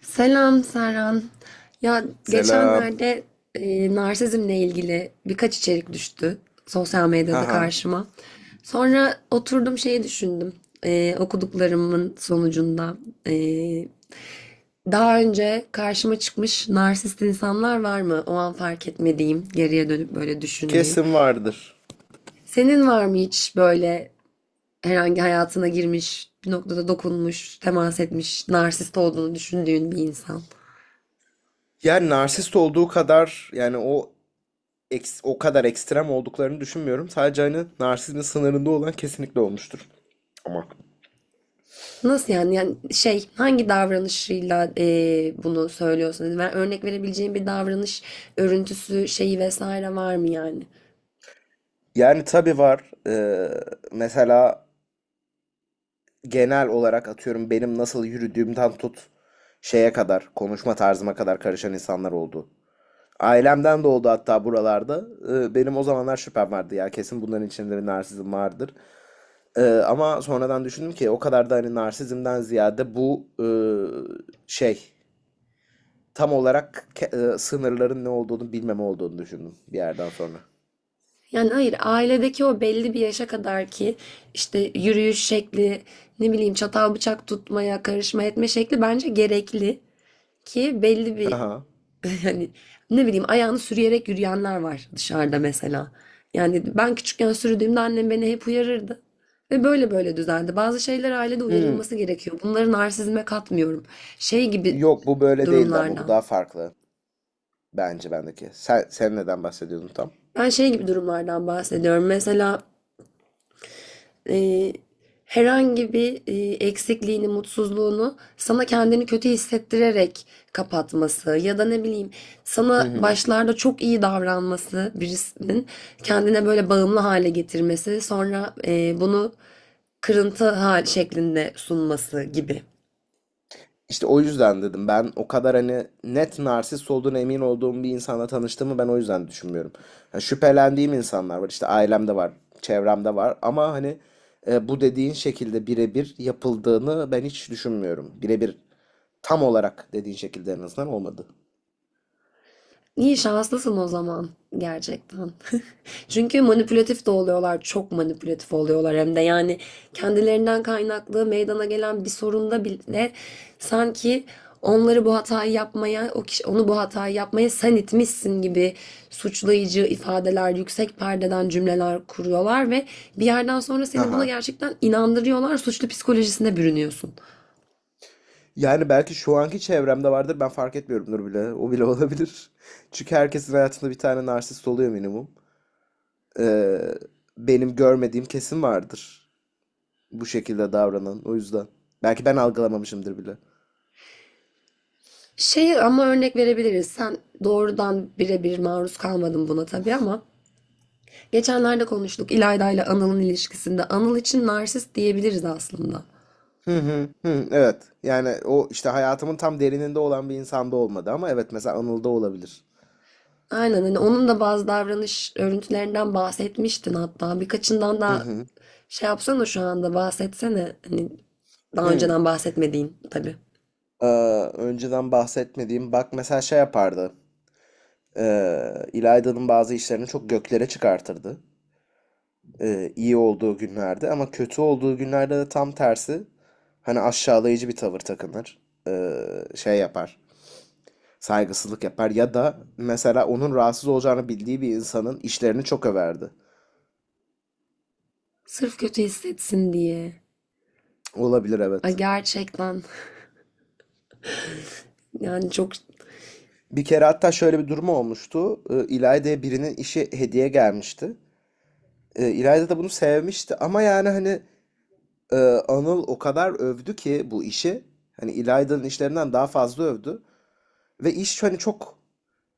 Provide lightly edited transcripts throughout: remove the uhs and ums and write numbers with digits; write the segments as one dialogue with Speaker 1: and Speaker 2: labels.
Speaker 1: Selam Serhan. Ya
Speaker 2: Selam.
Speaker 1: geçenlerde narsizmle ilgili birkaç içerik düştü sosyal medyada
Speaker 2: Haha.
Speaker 1: karşıma. Sonra oturdum şeyi düşündüm. Okuduklarımın sonucunda e, daha önce karşıma çıkmış narsist insanlar var mı? O an fark etmediğim, geriye dönüp böyle düşündüğüm.
Speaker 2: Kesin vardır.
Speaker 1: Senin var mı hiç böyle herhangi hayatına girmiş, bir noktada dokunmuş, temas etmiş, narsist olduğunu düşündüğün bir insan?
Speaker 2: Yani narsist olduğu kadar yani o o kadar ekstrem olduklarını düşünmüyorum. Sadece hani narsizmin sınırında olan kesinlikle olmuştur. Ama.
Speaker 1: Nasıl yani? Yani şey hangi davranışıyla bunu söylüyorsun? Yani ben örnek verebileceğin bir davranış örüntüsü şeyi vesaire var mı yani?
Speaker 2: Yani tabii var. Mesela genel olarak atıyorum benim nasıl yürüdüğümden tut şeye kadar, konuşma tarzıma kadar karışan insanlar oldu. Ailemden de oldu hatta buralarda. Benim o zamanlar şüphem vardı ya kesin bunların içinde bir narsizm vardır. Ama sonradan düşündüm ki o kadar da hani narsizmden ziyade bu şey tam olarak sınırların ne olduğunu bilmeme olduğunu düşündüm bir yerden sonra.
Speaker 1: Yani hayır, ailedeki o belli bir yaşa kadar ki işte yürüyüş şekli, ne bileyim çatal bıçak tutmaya karışma etme şekli bence gerekli ki belli bir
Speaker 2: Aha.
Speaker 1: hani ne bileyim, ayağını sürüyerek yürüyenler var dışarıda mesela. Yani ben küçükken sürdüğümde annem beni hep uyarırdı. Ve böyle böyle düzeldi. Bazı şeyler ailede
Speaker 2: Hmm.
Speaker 1: uyarılması gerekiyor. Bunları narsizme katmıyorum. Şey gibi
Speaker 2: Yok bu böyle değildi ama bu
Speaker 1: durumlardan.
Speaker 2: daha farklı bence bendeki. Sen neden bahsediyordun tam?
Speaker 1: Ben şey gibi durumlardan bahsediyorum. Mesela e, herhangi bir eksikliğini, mutsuzluğunu sana kendini kötü hissettirerek kapatması ya da ne bileyim
Speaker 2: Hı
Speaker 1: sana
Speaker 2: hı.
Speaker 1: başlarda çok iyi davranması birisinin, kendine böyle bağımlı hale getirmesi sonra bunu kırıntı hal şeklinde sunması gibi.
Speaker 2: İşte o yüzden dedim ben o kadar hani net narsist olduğuna emin olduğum bir insanla tanıştığımı ben o yüzden düşünmüyorum. Ha, şüphelendiğim insanlar var işte ailemde var, çevremde var ama hani bu dediğin şekilde birebir yapıldığını ben hiç düşünmüyorum. Birebir tam olarak dediğin şekilde en azından olmadı.
Speaker 1: İyi şanslısın o zaman gerçekten. Çünkü manipülatif de oluyorlar, çok manipülatif oluyorlar hem de yani kendilerinden kaynaklı meydana gelen bir sorunda bile sanki onları bu hatayı yapmaya, o kişi onu bu hatayı yapmaya sen itmişsin gibi suçlayıcı ifadeler, yüksek perdeden cümleler kuruyorlar ve bir yerden sonra seni buna
Speaker 2: Aha.
Speaker 1: gerçekten inandırıyorlar, suçlu psikolojisine bürünüyorsun.
Speaker 2: Yani belki şu anki çevremde vardır ben fark etmiyorumdur bile. O bile olabilir. Çünkü herkesin hayatında bir tane narsist oluyor minimum. Ee, benim görmediğim kesin vardır bu şekilde davranan. O yüzden. Belki ben algılamamışımdır bile.
Speaker 1: Şey, ama örnek verebiliriz. Sen doğrudan birebir maruz kalmadın buna tabii ama geçenlerde konuştuk İlayda ile Anıl'ın ilişkisinde. Anıl için narsist diyebiliriz aslında.
Speaker 2: Hı hı hı. Evet. Yani o işte hayatımın tam derininde olan bir insanda olmadı ama evet mesela Anıl'da olabilir.
Speaker 1: Aynen, hani onun da bazı davranış örüntülerinden bahsetmiştin hatta. Birkaçından
Speaker 2: Hı
Speaker 1: da
Speaker 2: hı.
Speaker 1: şey yapsana şu anda, bahsetsene. Hani daha
Speaker 2: Hı.
Speaker 1: önceden bahsetmediğin tabii.
Speaker 2: Ee, önceden bahsetmediğim bak mesela şey yapardı. İlayda'nın bazı işlerini çok göklere çıkartırdı. İyi olduğu günlerde ama kötü olduğu günlerde de tam tersi hani aşağılayıcı bir tavır takınır. Şey yapar. Saygısızlık yapar ya da mesela onun rahatsız olacağını bildiği bir insanın işlerini çok överdi.
Speaker 1: Sırf kötü hissetsin diye.
Speaker 2: Olabilir
Speaker 1: Ay
Speaker 2: evet.
Speaker 1: gerçekten, yani çok
Speaker 2: Bir kere hatta şöyle bir durum olmuştu. İlayda'ya birinin işi hediye gelmişti. İlayda da bunu sevmişti ama yani hani e, Anıl o kadar övdü ki bu işi. Hani İlayda'nın işlerinden daha fazla övdü. Ve iş hani çok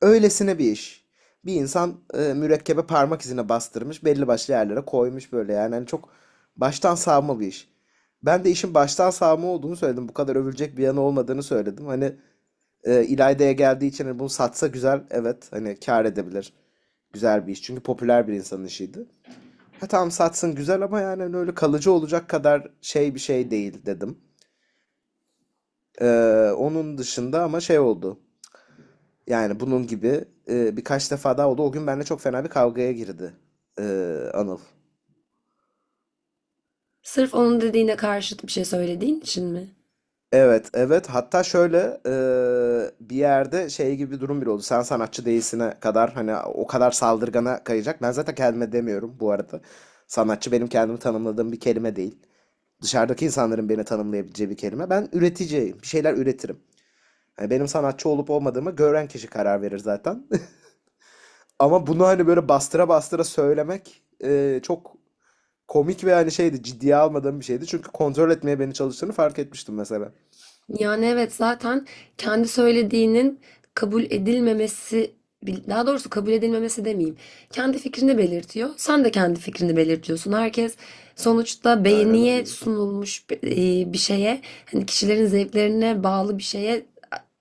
Speaker 2: öylesine bir iş. Bir insan mürekkebe parmak izine bastırmış, belli başlı yerlere koymuş böyle yani. Hani çok baştan savma bir iş. Ben de işin baştan savma olduğunu söyledim. Bu kadar övülecek bir yanı olmadığını söyledim. Hani İlayda'ya geldiği için hani bunu satsa güzel, evet hani kâr edebilir. Güzel bir iş. Çünkü popüler bir insanın işiydi. Ha tamam satsın güzel ama yani hani öyle kalıcı olacak kadar şey bir şey değil dedim. Ee, onun dışında ama şey oldu. Yani bunun gibi birkaç defa daha oldu. O gün benimle çok fena bir kavgaya girdi e, Anıl.
Speaker 1: sırf onun dediğine karşıt bir şey söylediğin için mi?
Speaker 2: Evet, evet. Hatta şöyle e, bir yerde şey gibi bir durum bile oldu. Sen sanatçı değilsine kadar hani o kadar saldırgana kayacak. Ben zaten kendime demiyorum bu arada. Sanatçı benim kendimi tanımladığım bir kelime değil. Dışarıdaki insanların beni tanımlayabileceği bir kelime. Ben üreticiyim. Bir şeyler üretirim. Yani benim sanatçı olup olmadığımı gören kişi karar verir zaten. Ama bunu hani böyle bastıra bastıra söylemek çok komik ve hani şeydi ciddiye almadığım bir şeydi. Çünkü kontrol etmeye beni çalıştığını fark etmiştim mesela.
Speaker 1: Yani evet, zaten kendi söylediğinin kabul edilmemesi, bil- daha doğrusu kabul edilmemesi demeyeyim. Kendi fikrini belirtiyor. Sen de kendi fikrini belirtiyorsun. Herkes sonuçta
Speaker 2: Aynen
Speaker 1: beğeniye
Speaker 2: öyle.
Speaker 1: sunulmuş bi- bir şeye, hani kişilerin zevklerine bağlı bir şeye,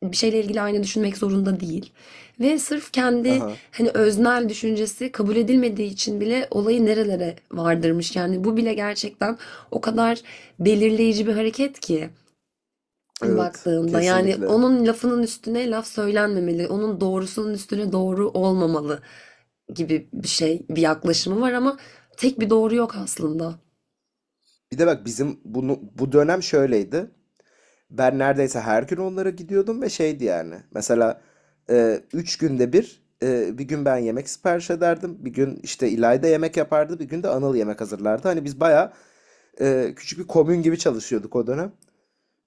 Speaker 1: bir şeyle ilgili aynı düşünmek zorunda değil. Ve sırf kendi
Speaker 2: Aha.
Speaker 1: hani öznel düşüncesi kabul edilmediği için bile olayı nerelere vardırmış. Yani bu bile gerçekten o kadar belirleyici bir hareket ki
Speaker 2: Evet.
Speaker 1: baktığında. Yani
Speaker 2: Kesinlikle.
Speaker 1: onun lafının üstüne laf söylenmemeli, onun doğrusunun üstüne doğru olmamalı gibi bir şey, bir yaklaşımı var ama tek bir doğru yok aslında.
Speaker 2: Bir de bak bizim bunu bu dönem şöyleydi. Ben neredeyse her gün onlara gidiyordum ve şeydi yani. Mesela üç günde bir bir gün ben yemek sipariş ederdim. Bir gün işte İlayda yemek yapardı. Bir gün de Anıl yemek hazırlardı. Hani biz bayağı küçük bir komün gibi çalışıyorduk o dönem.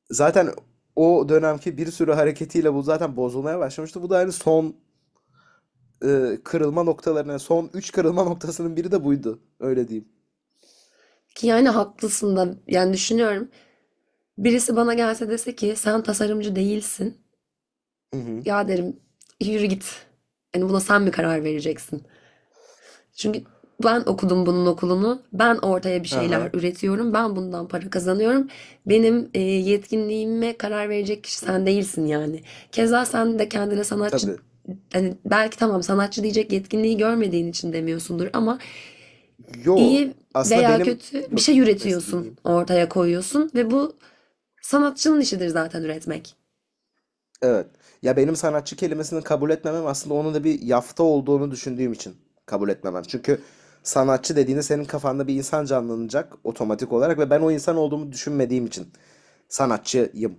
Speaker 2: Zaten o dönemki bir sürü hareketiyle bu zaten bozulmaya başlamıştı. Bu da hani son kırılma noktalarının son 3 kırılma noktasının biri de buydu. Öyle diyeyim.
Speaker 1: Ki yani haklısın da, yani düşünüyorum. Birisi bana gelse dese ki sen tasarımcı değilsin.
Speaker 2: Hı hı.
Speaker 1: Ya derim yürü git. Yani buna sen mi karar vereceksin? Çünkü ben okudum bunun okulunu. Ben ortaya bir şeyler
Speaker 2: Aha.
Speaker 1: üretiyorum. Ben bundan para kazanıyorum. Benim yetkinliğime karar verecek kişi sen değilsin yani. Keza sen de kendine sanatçı,
Speaker 2: Tabii.
Speaker 1: hani belki tamam sanatçı diyecek yetkinliği görmediğin için demiyorsundur ama
Speaker 2: Yo.
Speaker 1: iyi
Speaker 2: Aslında
Speaker 1: veya
Speaker 2: benim
Speaker 1: kötü bir
Speaker 2: dur.
Speaker 1: şey
Speaker 2: Neyse
Speaker 1: üretiyorsun,
Speaker 2: dinleyeyim.
Speaker 1: ortaya koyuyorsun ve bu sanatçının işidir zaten, üretmek.
Speaker 2: Evet. Ya benim sanatçı kelimesini kabul etmemem aslında onun da bir yafta olduğunu düşündüğüm için kabul etmemem. Çünkü sanatçı dediğinde senin kafanda bir insan canlanacak otomatik olarak ve ben o insan olduğumu düşünmediğim için sanatçıyım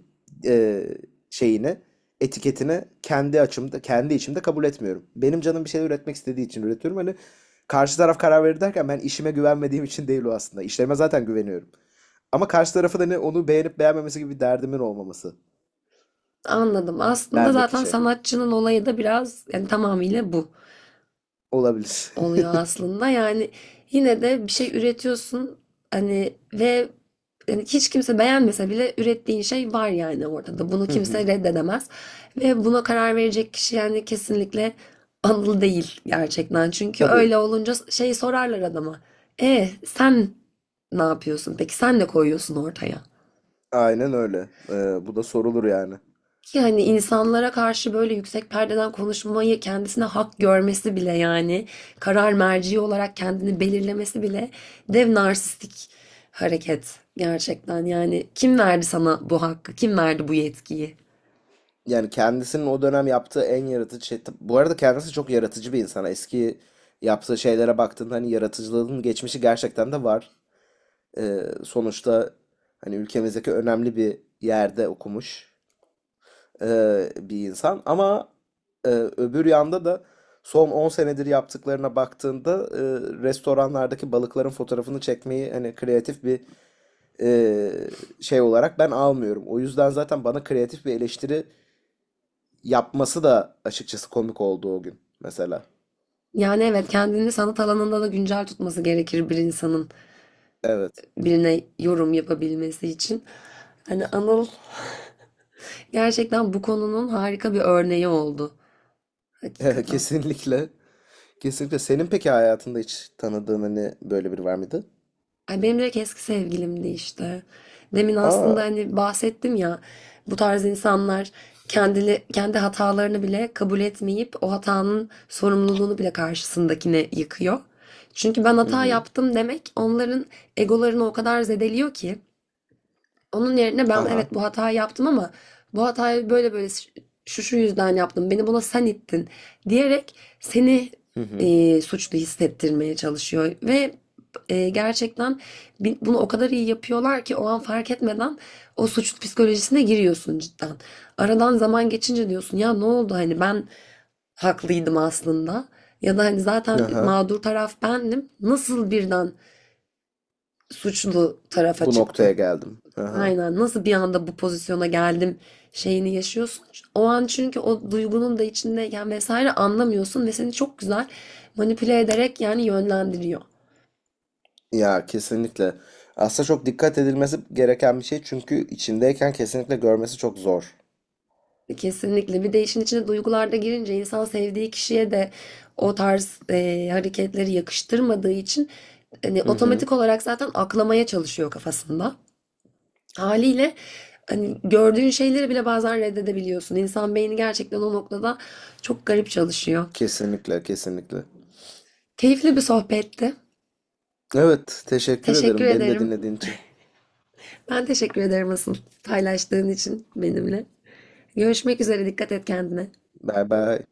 Speaker 2: e, şeyini, etiketini kendi açımda, kendi içimde kabul etmiyorum. Benim canım bir şey üretmek istediği için üretiyorum. Hani karşı taraf karar verir derken ben işime güvenmediğim için değil o aslında. İşlerime zaten güveniyorum. Ama karşı tarafı da ne onu beğenip beğenmemesi gibi bir derdimin olmaması.
Speaker 1: Anladım. Aslında
Speaker 2: Bendeki
Speaker 1: zaten
Speaker 2: şey.
Speaker 1: sanatçının olayı da biraz yani tamamıyla bu
Speaker 2: Olabilir.
Speaker 1: oluyor aslında. Yani yine de bir şey üretiyorsun hani ve yani hiç kimse beğenmese bile ürettiğin şey var yani ortada. Bunu
Speaker 2: Hı hı.
Speaker 1: kimse reddedemez. Ve buna karar verecek kişi yani kesinlikle Anıl değil gerçekten. Çünkü
Speaker 2: Tabii.
Speaker 1: öyle olunca şey sorarlar adama. E sen ne yapıyorsun? Peki sen ne koyuyorsun ortaya?
Speaker 2: Aynen öyle. Bu da sorulur yani.
Speaker 1: Ki hani insanlara karşı böyle yüksek perdeden konuşmayı kendisine hak görmesi bile, yani karar merci olarak kendini belirlemesi bile dev narsistik hareket gerçekten. Yani kim verdi sana bu hakkı? Kim verdi bu yetkiyi?
Speaker 2: Yani kendisinin o dönem yaptığı en yaratıcı şey. Bu arada kendisi çok yaratıcı bir insan. Eski yaptığı şeylere baktığında hani yaratıcılığın geçmişi gerçekten de var. Sonuçta hani ülkemizdeki önemli bir yerde okumuş bir insan. Ama öbür yanda da son 10 senedir yaptıklarına baktığında restoranlardaki balıkların fotoğrafını çekmeyi hani kreatif bir e, şey olarak ben almıyorum. O yüzden zaten bana kreatif bir eleştiri yapması da açıkçası komik oldu o gün mesela.
Speaker 1: Yani evet, kendini sanat alanında da güncel tutması gerekir bir insanın
Speaker 2: Evet.
Speaker 1: birine yorum yapabilmesi için. Hani Anıl gerçekten bu konunun harika bir örneği oldu.
Speaker 2: Evet,
Speaker 1: Hakikaten.
Speaker 2: kesinlikle. Kesinlikle. Senin peki hayatında hiç tanıdığın hani böyle biri var mıydı?
Speaker 1: Ay benim direkt eski sevgilimdi işte. Demin
Speaker 2: Aa.
Speaker 1: aslında hani bahsettim ya, bu tarz insanlar kendili, kendi hatalarını bile kabul etmeyip o hatanın sorumluluğunu bile karşısındakine yıkıyor. Çünkü ben
Speaker 2: Hı
Speaker 1: hata
Speaker 2: hı.
Speaker 1: yaptım demek onların egolarını o kadar zedeliyor ki, onun yerine ben
Speaker 2: Haha.
Speaker 1: evet bu hatayı yaptım ama bu hatayı böyle böyle şu şu yüzden yaptım. Beni buna sen ittin diyerek seni
Speaker 2: Hı hı.
Speaker 1: suçlu hissettirmeye çalışıyor ve gerçekten bunu o kadar iyi yapıyorlar ki o an fark etmeden o suçlu psikolojisine giriyorsun cidden. Aradan zaman geçince diyorsun ya ne oldu hani, ben haklıydım aslında, ya da hani zaten
Speaker 2: Aha.
Speaker 1: mağdur taraf bendim, nasıl birden suçlu tarafa
Speaker 2: Bu noktaya
Speaker 1: çıktım.
Speaker 2: geldim. Aha.
Speaker 1: Aynen. Nasıl bir anda bu pozisyona geldim şeyini yaşıyorsun. O an çünkü o duygunun da içindeyken vesaire anlamıyorsun ve seni çok güzel manipüle ederek yani yönlendiriyor.
Speaker 2: Ya kesinlikle. Aslında çok dikkat edilmesi gereken bir şey çünkü içindeyken kesinlikle görmesi çok zor.
Speaker 1: Kesinlikle. Bir de işin içine duygular da girince insan sevdiği kişiye de o tarz hareketleri yakıştırmadığı için hani
Speaker 2: Hı hı.
Speaker 1: otomatik olarak zaten aklamaya çalışıyor kafasında. Haliyle hani gördüğün şeyleri bile bazen reddedebiliyorsun. İnsan beyni gerçekten o noktada çok garip çalışıyor.
Speaker 2: Kesinlikle, kesinlikle.
Speaker 1: Keyifli bir sohbetti.
Speaker 2: Evet, teşekkür
Speaker 1: Teşekkür
Speaker 2: ederim beni de
Speaker 1: ederim.
Speaker 2: dinlediğin için.
Speaker 1: Ben teşekkür ederim asıl, paylaştığın için benimle. Görüşmek üzere. Dikkat et kendine.
Speaker 2: Bye bye.